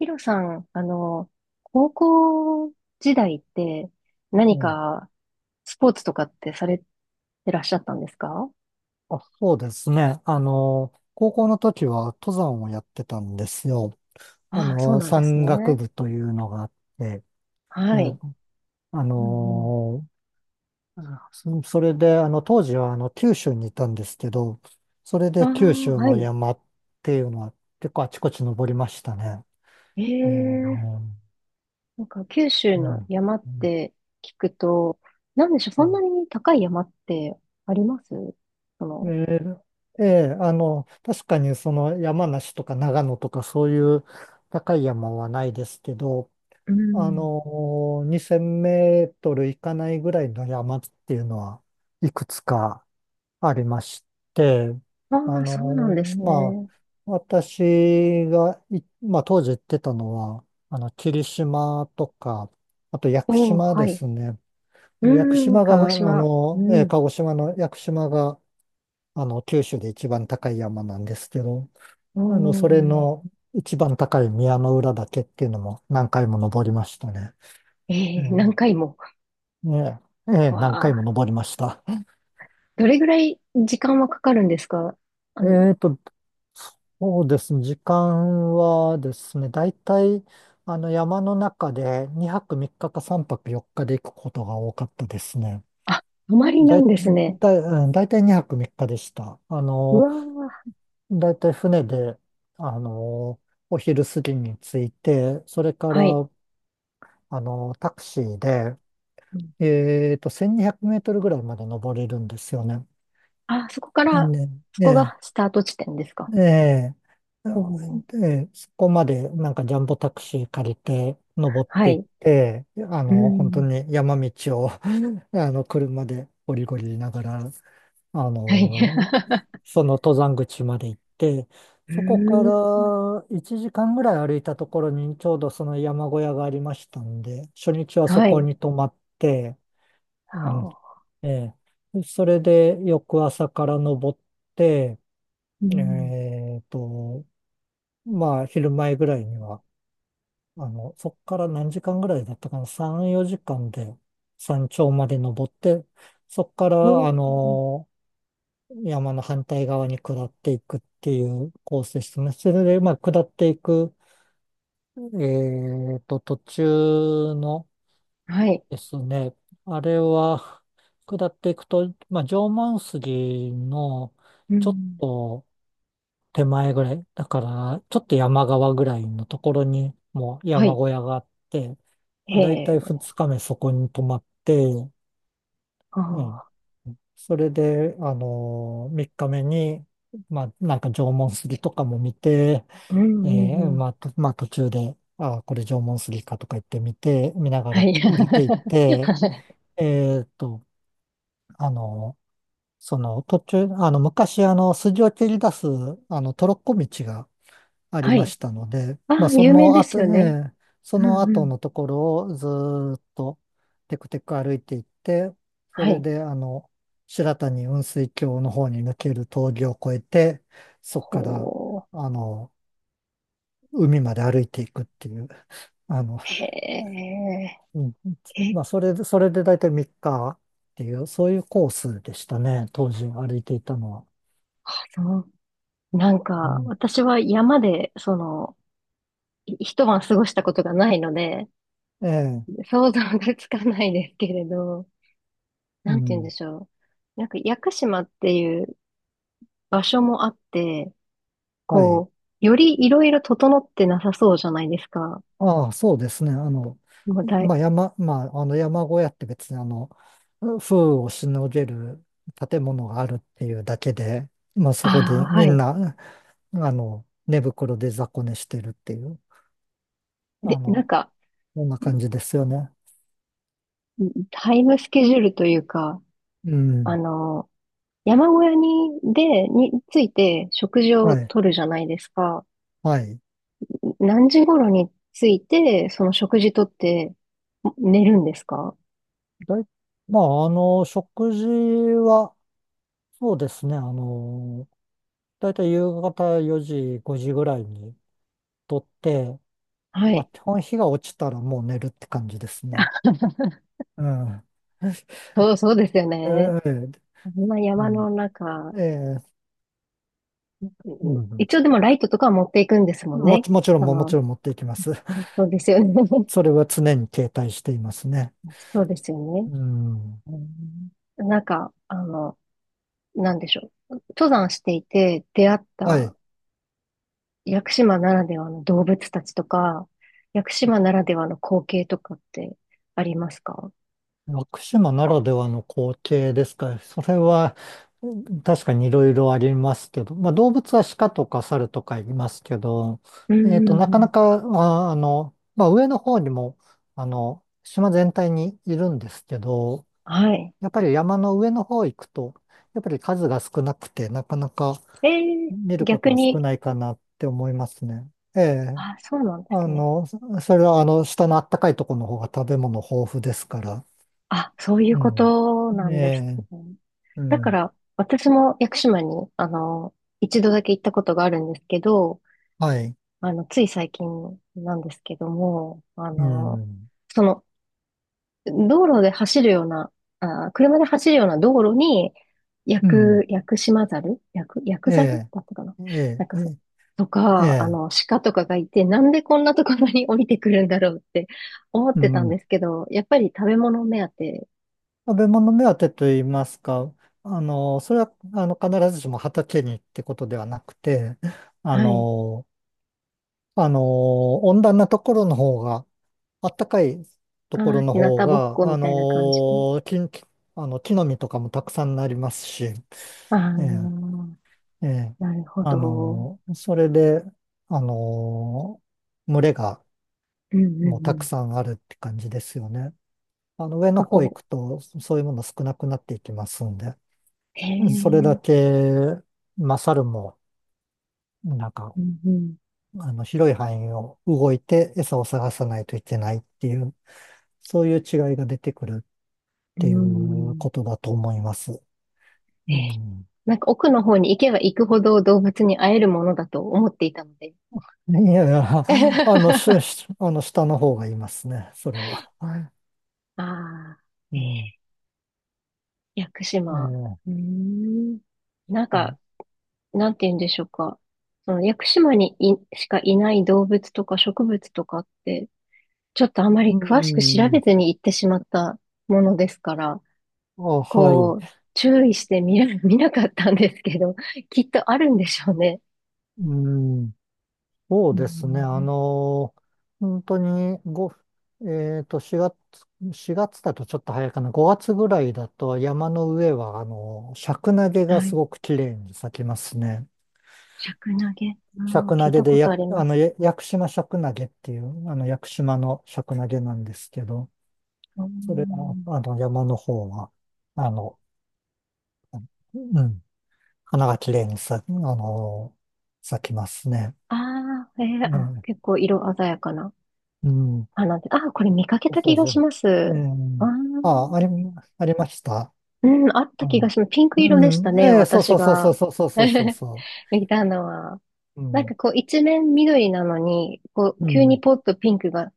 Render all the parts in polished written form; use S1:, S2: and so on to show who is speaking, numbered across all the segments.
S1: ヒロさん、高校時代って
S2: う
S1: 何
S2: ん。
S1: かスポーツとかってされてらっしゃったんですか？
S2: そうですね。高校の時は登山をやってたんですよ。
S1: ああ、そうなんです
S2: 山岳
S1: ね。
S2: 部というのがあって、え
S1: はい。
S2: あ
S1: うん
S2: の、それで、当時は九州にいたんですけど、それ
S1: う
S2: で九
S1: ん。あ
S2: 州
S1: あ、は
S2: の
S1: い。
S2: 山っていうのは結構あちこち登りましたね。
S1: え
S2: ええ
S1: え、
S2: うん
S1: なんか九州
S2: うん
S1: の山っ
S2: う
S1: て聞くと、なんでしょう、そんな
S2: ん
S1: に高い山ってあります？そ
S2: え
S1: の、
S2: 確かにその山梨とか長野とかそういう高い山はないですけど、
S1: う
S2: あ
S1: ん。
S2: の、2000メートル行かないぐらいの山っていうのはいくつかありまして、
S1: あ
S2: あ
S1: あ、そうなん
S2: の、
S1: です
S2: ま
S1: ね。
S2: あ、私がい、まあ、当時行ってたのは、霧島とか、あと屋久
S1: おお、
S2: 島
S1: は
S2: で
S1: い。
S2: すね。
S1: う
S2: 屋久
S1: ん、
S2: 島が、
S1: 鹿児島。うん。
S2: 鹿児島の屋久島が、九州で一番高い山なんですけど、
S1: お
S2: それ
S1: ー、
S2: の一番高い宮之浦岳っていうのも何回も登りましたね。
S1: え
S2: う
S1: え、何
S2: ん、
S1: 回も。
S2: ええ、ええ、
S1: わ
S2: 何回も
S1: あ、
S2: 登りました。
S1: どれぐらい時間はかかるんですか？あの、
S2: えっと、そうですね、時間はですね、大体、山の中で2泊3日か3泊4日で行くことが多かったですね。
S1: あ、泊まりな
S2: だ
S1: ん
S2: い、
S1: ですね。
S2: だい、うん、大体2泊3日でした。
S1: うわ
S2: 大体船で、あの、お昼過ぎに着いて、それか
S1: あ、はい。
S2: ら、タクシーで、
S1: うん、
S2: 1200メートルぐらいまで登れるんですよね。
S1: あ、そこから、
S2: ね、
S1: そこ
S2: ね
S1: がスタート地点ですか？
S2: ええ、
S1: おおー、
S2: で、そこまでなんかジャンボタクシー借りて登っ
S1: は
S2: ていっ
S1: い。
S2: て、
S1: う
S2: 本当
S1: ん。
S2: に山道を 車でゴリゴリ言いながら、あ
S1: はい。
S2: の、その登山口まで行って、
S1: う
S2: そこか
S1: ーん。
S2: ら1時間ぐらい歩いたところにちょうどその山小屋がありましたんで、初日はそ
S1: は
S2: こ
S1: い。
S2: に泊まって、
S1: は
S2: うん、
S1: あ。
S2: ええ、それで翌朝から登って、
S1: うん。
S2: えっと、まあ、昼前ぐらいには、そっから何時間ぐらいだったかな、3、4時間で山頂まで登って、そっか
S1: お
S2: ら、
S1: ー、
S2: 山の反対側に下っていくっていうコースでしたね。それで、まあ、下っていく、途中の
S1: はい。
S2: ですね、あれは、下っていくと、まあ、縄文杉の、
S1: う
S2: ちょっ
S1: ん。
S2: と、手前ぐらい。だから、ちょっと山側ぐらいのところに、もう
S1: は
S2: 山
S1: い。
S2: 小屋があって、ま
S1: へ
S2: あ、だいたい
S1: え。
S2: 2日目そこに泊まって、
S1: あ
S2: うん。
S1: あ。
S2: それで、3日目に、まあ、なんか縄文杉とかも見て、
S1: うんう
S2: え
S1: んうん。
S2: まあ、とまあ、途中で、ああこれ縄文杉かとか言ってみて、見なが
S1: は
S2: ら
S1: い。
S2: 降りていって、
S1: はい。
S2: えーっと、あのその途中、昔、筋を切り出す、トロッコ道があり
S1: は
S2: ま
S1: い。
S2: したので、
S1: あ
S2: まあ、
S1: あ、
S2: そ
S1: 有名
S2: の
S1: です
S2: 後
S1: よね。
S2: ね、そ
S1: う
S2: の
S1: んう
S2: 後
S1: ん。
S2: のところをずーっとテクテク歩いていって、そ
S1: は
S2: れ
S1: い。
S2: で、白谷雲水峡の方に抜ける峠を越えて、そこから、
S1: ほう。
S2: あの、海まで歩いていくっていう、あの、
S1: へえ、
S2: うん、
S1: え、
S2: まあ、それで、それで大体3日っていう、そういうコースでしたね、当時歩いていたのは。
S1: そう。なん
S2: う
S1: か、
S2: ん、
S1: 私は山で、その、一晩過ごしたことがないので、
S2: ええ、
S1: 想像がつかないですけれど、
S2: う
S1: なんて言うんで
S2: ん、
S1: しょう。なんか、屋久島っていう場所もあって、
S2: はい。
S1: こう、よりいろいろ整ってなさそうじゃないですか。
S2: ああ、そうですね。
S1: もうだい、
S2: まあ、まあ、山小屋って別に風雨をしのげる建物があるっていうだけで、まあ、そこ
S1: あ
S2: で
S1: あ、は
S2: みん
S1: い。
S2: な、寝袋で雑魚寝してるっていう、あ
S1: で、なん
S2: の、
S1: か、
S2: そんな感じですよね。
S1: タイムスケジュールというか、
S2: う
S1: あ
S2: ん。
S1: の、山小屋に、で、について食事を
S2: はい。
S1: とるじゃないですか。
S2: はい。
S1: 何時頃に着いて、その食事とって寝るんですか？
S2: だい、まあ、食事は、そうですね。だいたい夕方4時、5時ぐらいにとって、
S1: は
S2: まあ、
S1: い。
S2: 基本日が落ちたらもう寝るって感じですね。ああ、
S1: そう、そうですよ
S2: え
S1: ね。
S2: え、
S1: こんな
S2: う
S1: 山
S2: ん、
S1: の中、
S2: ええ、う
S1: うん、
S2: ん。
S1: 一応でもライトとかは持っていくんですもんね。そ
S2: もち
S1: の、
S2: ろん持っていきます。
S1: そうですよね。
S2: そ れは常に携帯していますね。
S1: そうですよね。
S2: うん。
S1: うん、なんか、なんでしょう。登山していて出会っ
S2: は
S1: た
S2: い。
S1: 屋久島ならではの動物たちとか、屋久島ならではの光景とかってありますか？
S2: 屋島ならではの光景ですか。それは、うん、確かにいろいろありますけど、まあ動物は鹿とか猿とかいますけど、
S1: うんう
S2: な
S1: んう
S2: かな
S1: ん。
S2: か、まあ、まあ上の方にも、島全体にいるんですけど、
S1: はい。
S2: やっぱり山の上の方行くと、やっぱり数が少なくて、なかなか
S1: ええ、
S2: 見ること
S1: 逆
S2: は少
S1: に、
S2: ないかなって思いますね。ええ。
S1: あ、そうなんですね。
S2: それは下のあったかいところの方が食べ物豊富ですから。
S1: あ、そういう
S2: う
S1: こ
S2: ん。
S1: とな
S2: え
S1: んです
S2: え。
S1: ね。
S2: う
S1: だか
S2: ん。
S1: ら、私も屋久島に、一度だけ行ったことがあるんですけど、
S2: はい。
S1: つい最近なんですけども、
S2: うん。
S1: その、道路で走るような、あー、車で走るような道路に、
S2: うん。え
S1: 薬ザル
S2: え。
S1: だったかな、
S2: え
S1: な
S2: え。
S1: んか
S2: え
S1: そう。
S2: え。
S1: と
S2: え
S1: か、
S2: え、
S1: 鹿とかがいて、なんでこんなところに降りてくるんだろうって思っ
S2: う
S1: てたんで
S2: ん。
S1: すけど、やっぱり食べ物目当て、
S2: 食べ物目当てと言いますか、それは、必ずしも畑にってことではなくて、あ
S1: はい。
S2: の、あのー温暖なところの方が、暖かいとこ
S1: ああ、
S2: ろの
S1: 日向
S2: 方
S1: ぼっ
S2: が、
S1: こみたいな感じで。
S2: ー木、木木の実とかもたくさんなりますし、え
S1: あ
S2: え、
S1: あ、
S2: ええ、
S1: なるほど。
S2: それで、あの群れが
S1: うんうんう
S2: もうたく
S1: ん。
S2: さんあるって感じですよね。上の
S1: が
S2: 方行
S1: こ
S2: くと、そういうもの少なくなっていきますんで、
S1: う、へ
S2: それ
S1: え、
S2: だけ、まあ、猿も、なんか、
S1: うんうん、
S2: 広い範囲を動いて餌を探さないといけないっていう、そういう違いが出てくるっ
S1: う
S2: ていう
S1: ん。
S2: ことだと思います。う
S1: ええ、
S2: ん。
S1: なんか奥の方に行けば行くほど動物に会えるものだと思っていたので。
S2: いやいや、下の方がいますね、それは。
S1: あ
S2: う
S1: あ、え
S2: ん。
S1: え、屋久島。
S2: え
S1: うー
S2: え、
S1: ん。なん
S2: うん。
S1: か、なんて言うんでしょうか。その屋久島にいしかいない動物とか植物とかって、ちょっとあま
S2: う
S1: り詳しく調べ
S2: ん。
S1: ずに行ってしまったものですから、
S2: あ、はい。
S1: こう、注意して見な、見なかったんですけど、きっとあるんでしょうね。
S2: うん。そう
S1: うー
S2: ですね。
S1: ん。
S2: 本当に、4月、4月だとちょっと早いかな。5月ぐらいだと山の上は、シャクナゲが
S1: は
S2: す
S1: い。
S2: ごく綺麗に咲きますね。
S1: 尺投げ。う
S2: シャ
S1: ん、
S2: ク
S1: 聞
S2: ナ
S1: い
S2: ゲ
S1: た
S2: で、
S1: ことあ
S2: や、
S1: り
S2: あ
S1: ま
S2: の、
S1: す。
S2: や屋久島シャクナゲっていう、屋久島のシャクナゲなんですけど、
S1: う
S2: それの、
S1: ん。
S2: 山の方は、あの、うん、花が綺麗に咲、あの、咲きますね。
S1: ああ、ええ、あ、
S2: ね
S1: 結構色鮮やかな
S2: え、うん、
S1: 花で。あ、これ見かけた
S2: そ
S1: 気
S2: う
S1: が
S2: そ
S1: し
S2: う。
S1: ます。
S2: ええ、
S1: ああ、
S2: あ、あり、ありました。
S1: うん、あった
S2: う
S1: 気が
S2: ん、
S1: します。ピンク色でした
S2: うん、
S1: ね、
S2: ええ、そう
S1: 私
S2: そうそうそう
S1: が。
S2: そうそうそうそう そ
S1: 見たのは。
S2: う。う
S1: なんか
S2: ん、
S1: こう一面緑なのに、こう
S2: う
S1: 急に
S2: ん、
S1: ポッとピンクが、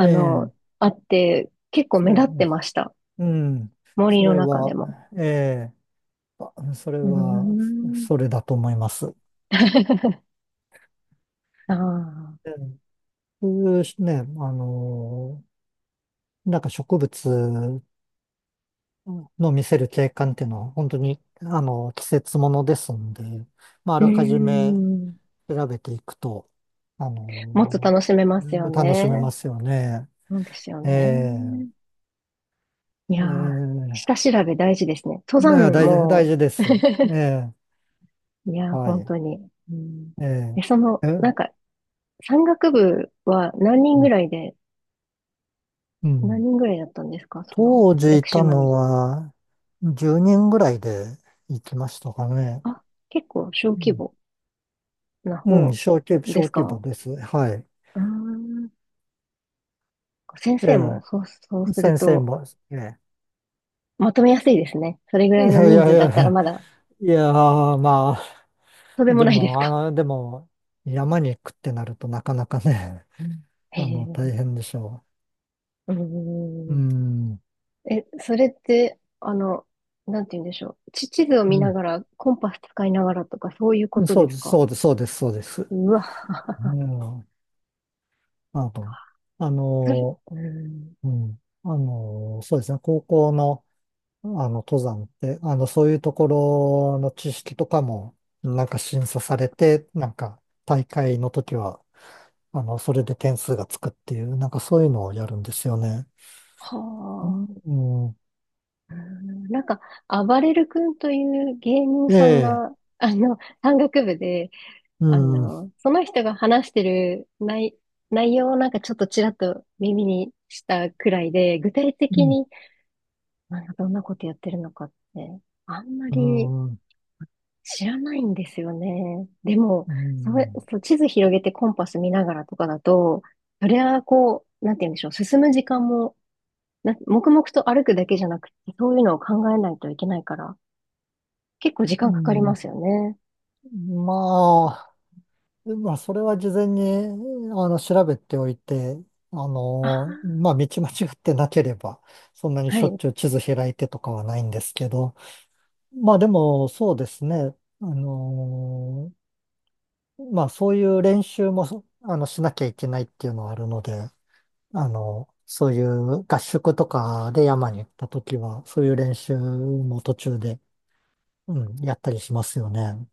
S2: え
S1: の、
S2: え、
S1: あって、結構
S2: そ
S1: 目
S2: れ、
S1: 立ってました。
S2: うん、
S1: 森
S2: そ
S1: の
S2: れ
S1: 中で
S2: は、
S1: も。
S2: ええ、それ
S1: うー
S2: は、
S1: ん。
S2: それだと思います。う
S1: ああ。
S2: ん、普通ね、の、なんか植物の見せる景観っていうのは本当に、季節ものですんで、まあ、あ
S1: うー
S2: らかじめ
S1: ん。
S2: 調べていくと、あ
S1: もっと
S2: の、
S1: 楽しめま
S2: う
S1: す
S2: ん、
S1: よ
S2: 楽しめま
S1: ね。
S2: すよね。
S1: そうですよ
S2: ええ、
S1: ね。いやー、下
S2: ええ、
S1: 調べ大事ですね。登
S2: だから
S1: 山
S2: 大事、大
S1: も、
S2: 事です。ええ、
S1: いやー、
S2: は
S1: 本
S2: い。
S1: 当に。うん。
S2: え
S1: その、
S2: ええ、
S1: なん
S2: う
S1: か、山岳部は何人ぐらい
S2: ん。
S1: で、
S2: う
S1: 何
S2: ん、
S1: 人ぐらいだったんですか？その、
S2: 当時
S1: 屋
S2: い
S1: 久
S2: た
S1: 島
S2: の
S1: に。
S2: は10人ぐらいで行きましたかね。
S1: あ、結構小
S2: う
S1: 規
S2: ん、
S1: 模な
S2: うん、
S1: 方で
S2: 小
S1: す
S2: 規模
S1: か？
S2: です。はい。
S1: うーん。先
S2: え
S1: 生も、そう、
S2: え、
S1: そうする
S2: 先生
S1: と、
S2: も、ええ。
S1: まとめやすいですね。それぐ
S2: い
S1: らいの
S2: やい
S1: 人
S2: やい
S1: 数だったら
S2: や、
S1: まだ、
S2: いやー、ま
S1: とんで
S2: あ、
S1: も
S2: で
S1: ないです
S2: も、
S1: か。
S2: でも、山に行くってなるとなかなかね、
S1: へえ。
S2: 大
S1: う
S2: 変でしょ
S1: ー
S2: う。う
S1: ん。
S2: ん、
S1: え、それって、なんて言うんでしょう。地図を見な
S2: う
S1: がら、コンパス使いながらとか、そういうこ
S2: ん、
S1: と
S2: そ
S1: で
S2: うで
S1: す
S2: す、
S1: か？
S2: そうです、そうです、そうです。
S1: うわ、
S2: うん、あの、あ の、
S1: それ、うん、
S2: うん、そうですね、高校の、登山って、そういうところの知識とかも、なんか審査されて、なんか大会の時は、それで点数がつくっていう、なんかそういうのをやるんですよね。
S1: は
S2: うん、
S1: あ、
S2: うん、
S1: うん、なんか、あばれる君という芸人
S2: え
S1: さん
S2: え、
S1: が、山岳部で、
S2: うん、うん、
S1: その人が話してる内容をなんかちょっとちらっと耳にしたくらいで、具体的に、なんかどんなことやってるのかって、あんま
S2: う
S1: り、
S2: ん、
S1: 知らないんですよね。でも、
S2: う
S1: それ、
S2: ん、
S1: そう、地図広げてコンパス見ながらとかだと、それはこう、なんて言うんでしょう、進む時間も、な、黙々と歩くだけじゃなくて、そういうのを考えないといけないから、結構時
S2: う
S1: 間かかりま
S2: ん、
S1: すよね。
S2: まあ、まあ、それは事前に、調べておいて、
S1: ああ、
S2: まあ、道間違ってなければ、そんなに
S1: は
S2: しょっ
S1: い。
S2: ちゅう地図開いてとかはないんですけど、まあでも、そうですね。あのーまあそういう練習もそあのしなきゃいけないっていうのはあるので、そういう合宿とかで山に行った時は、そういう練習も途中で、うん、やったりしますよね。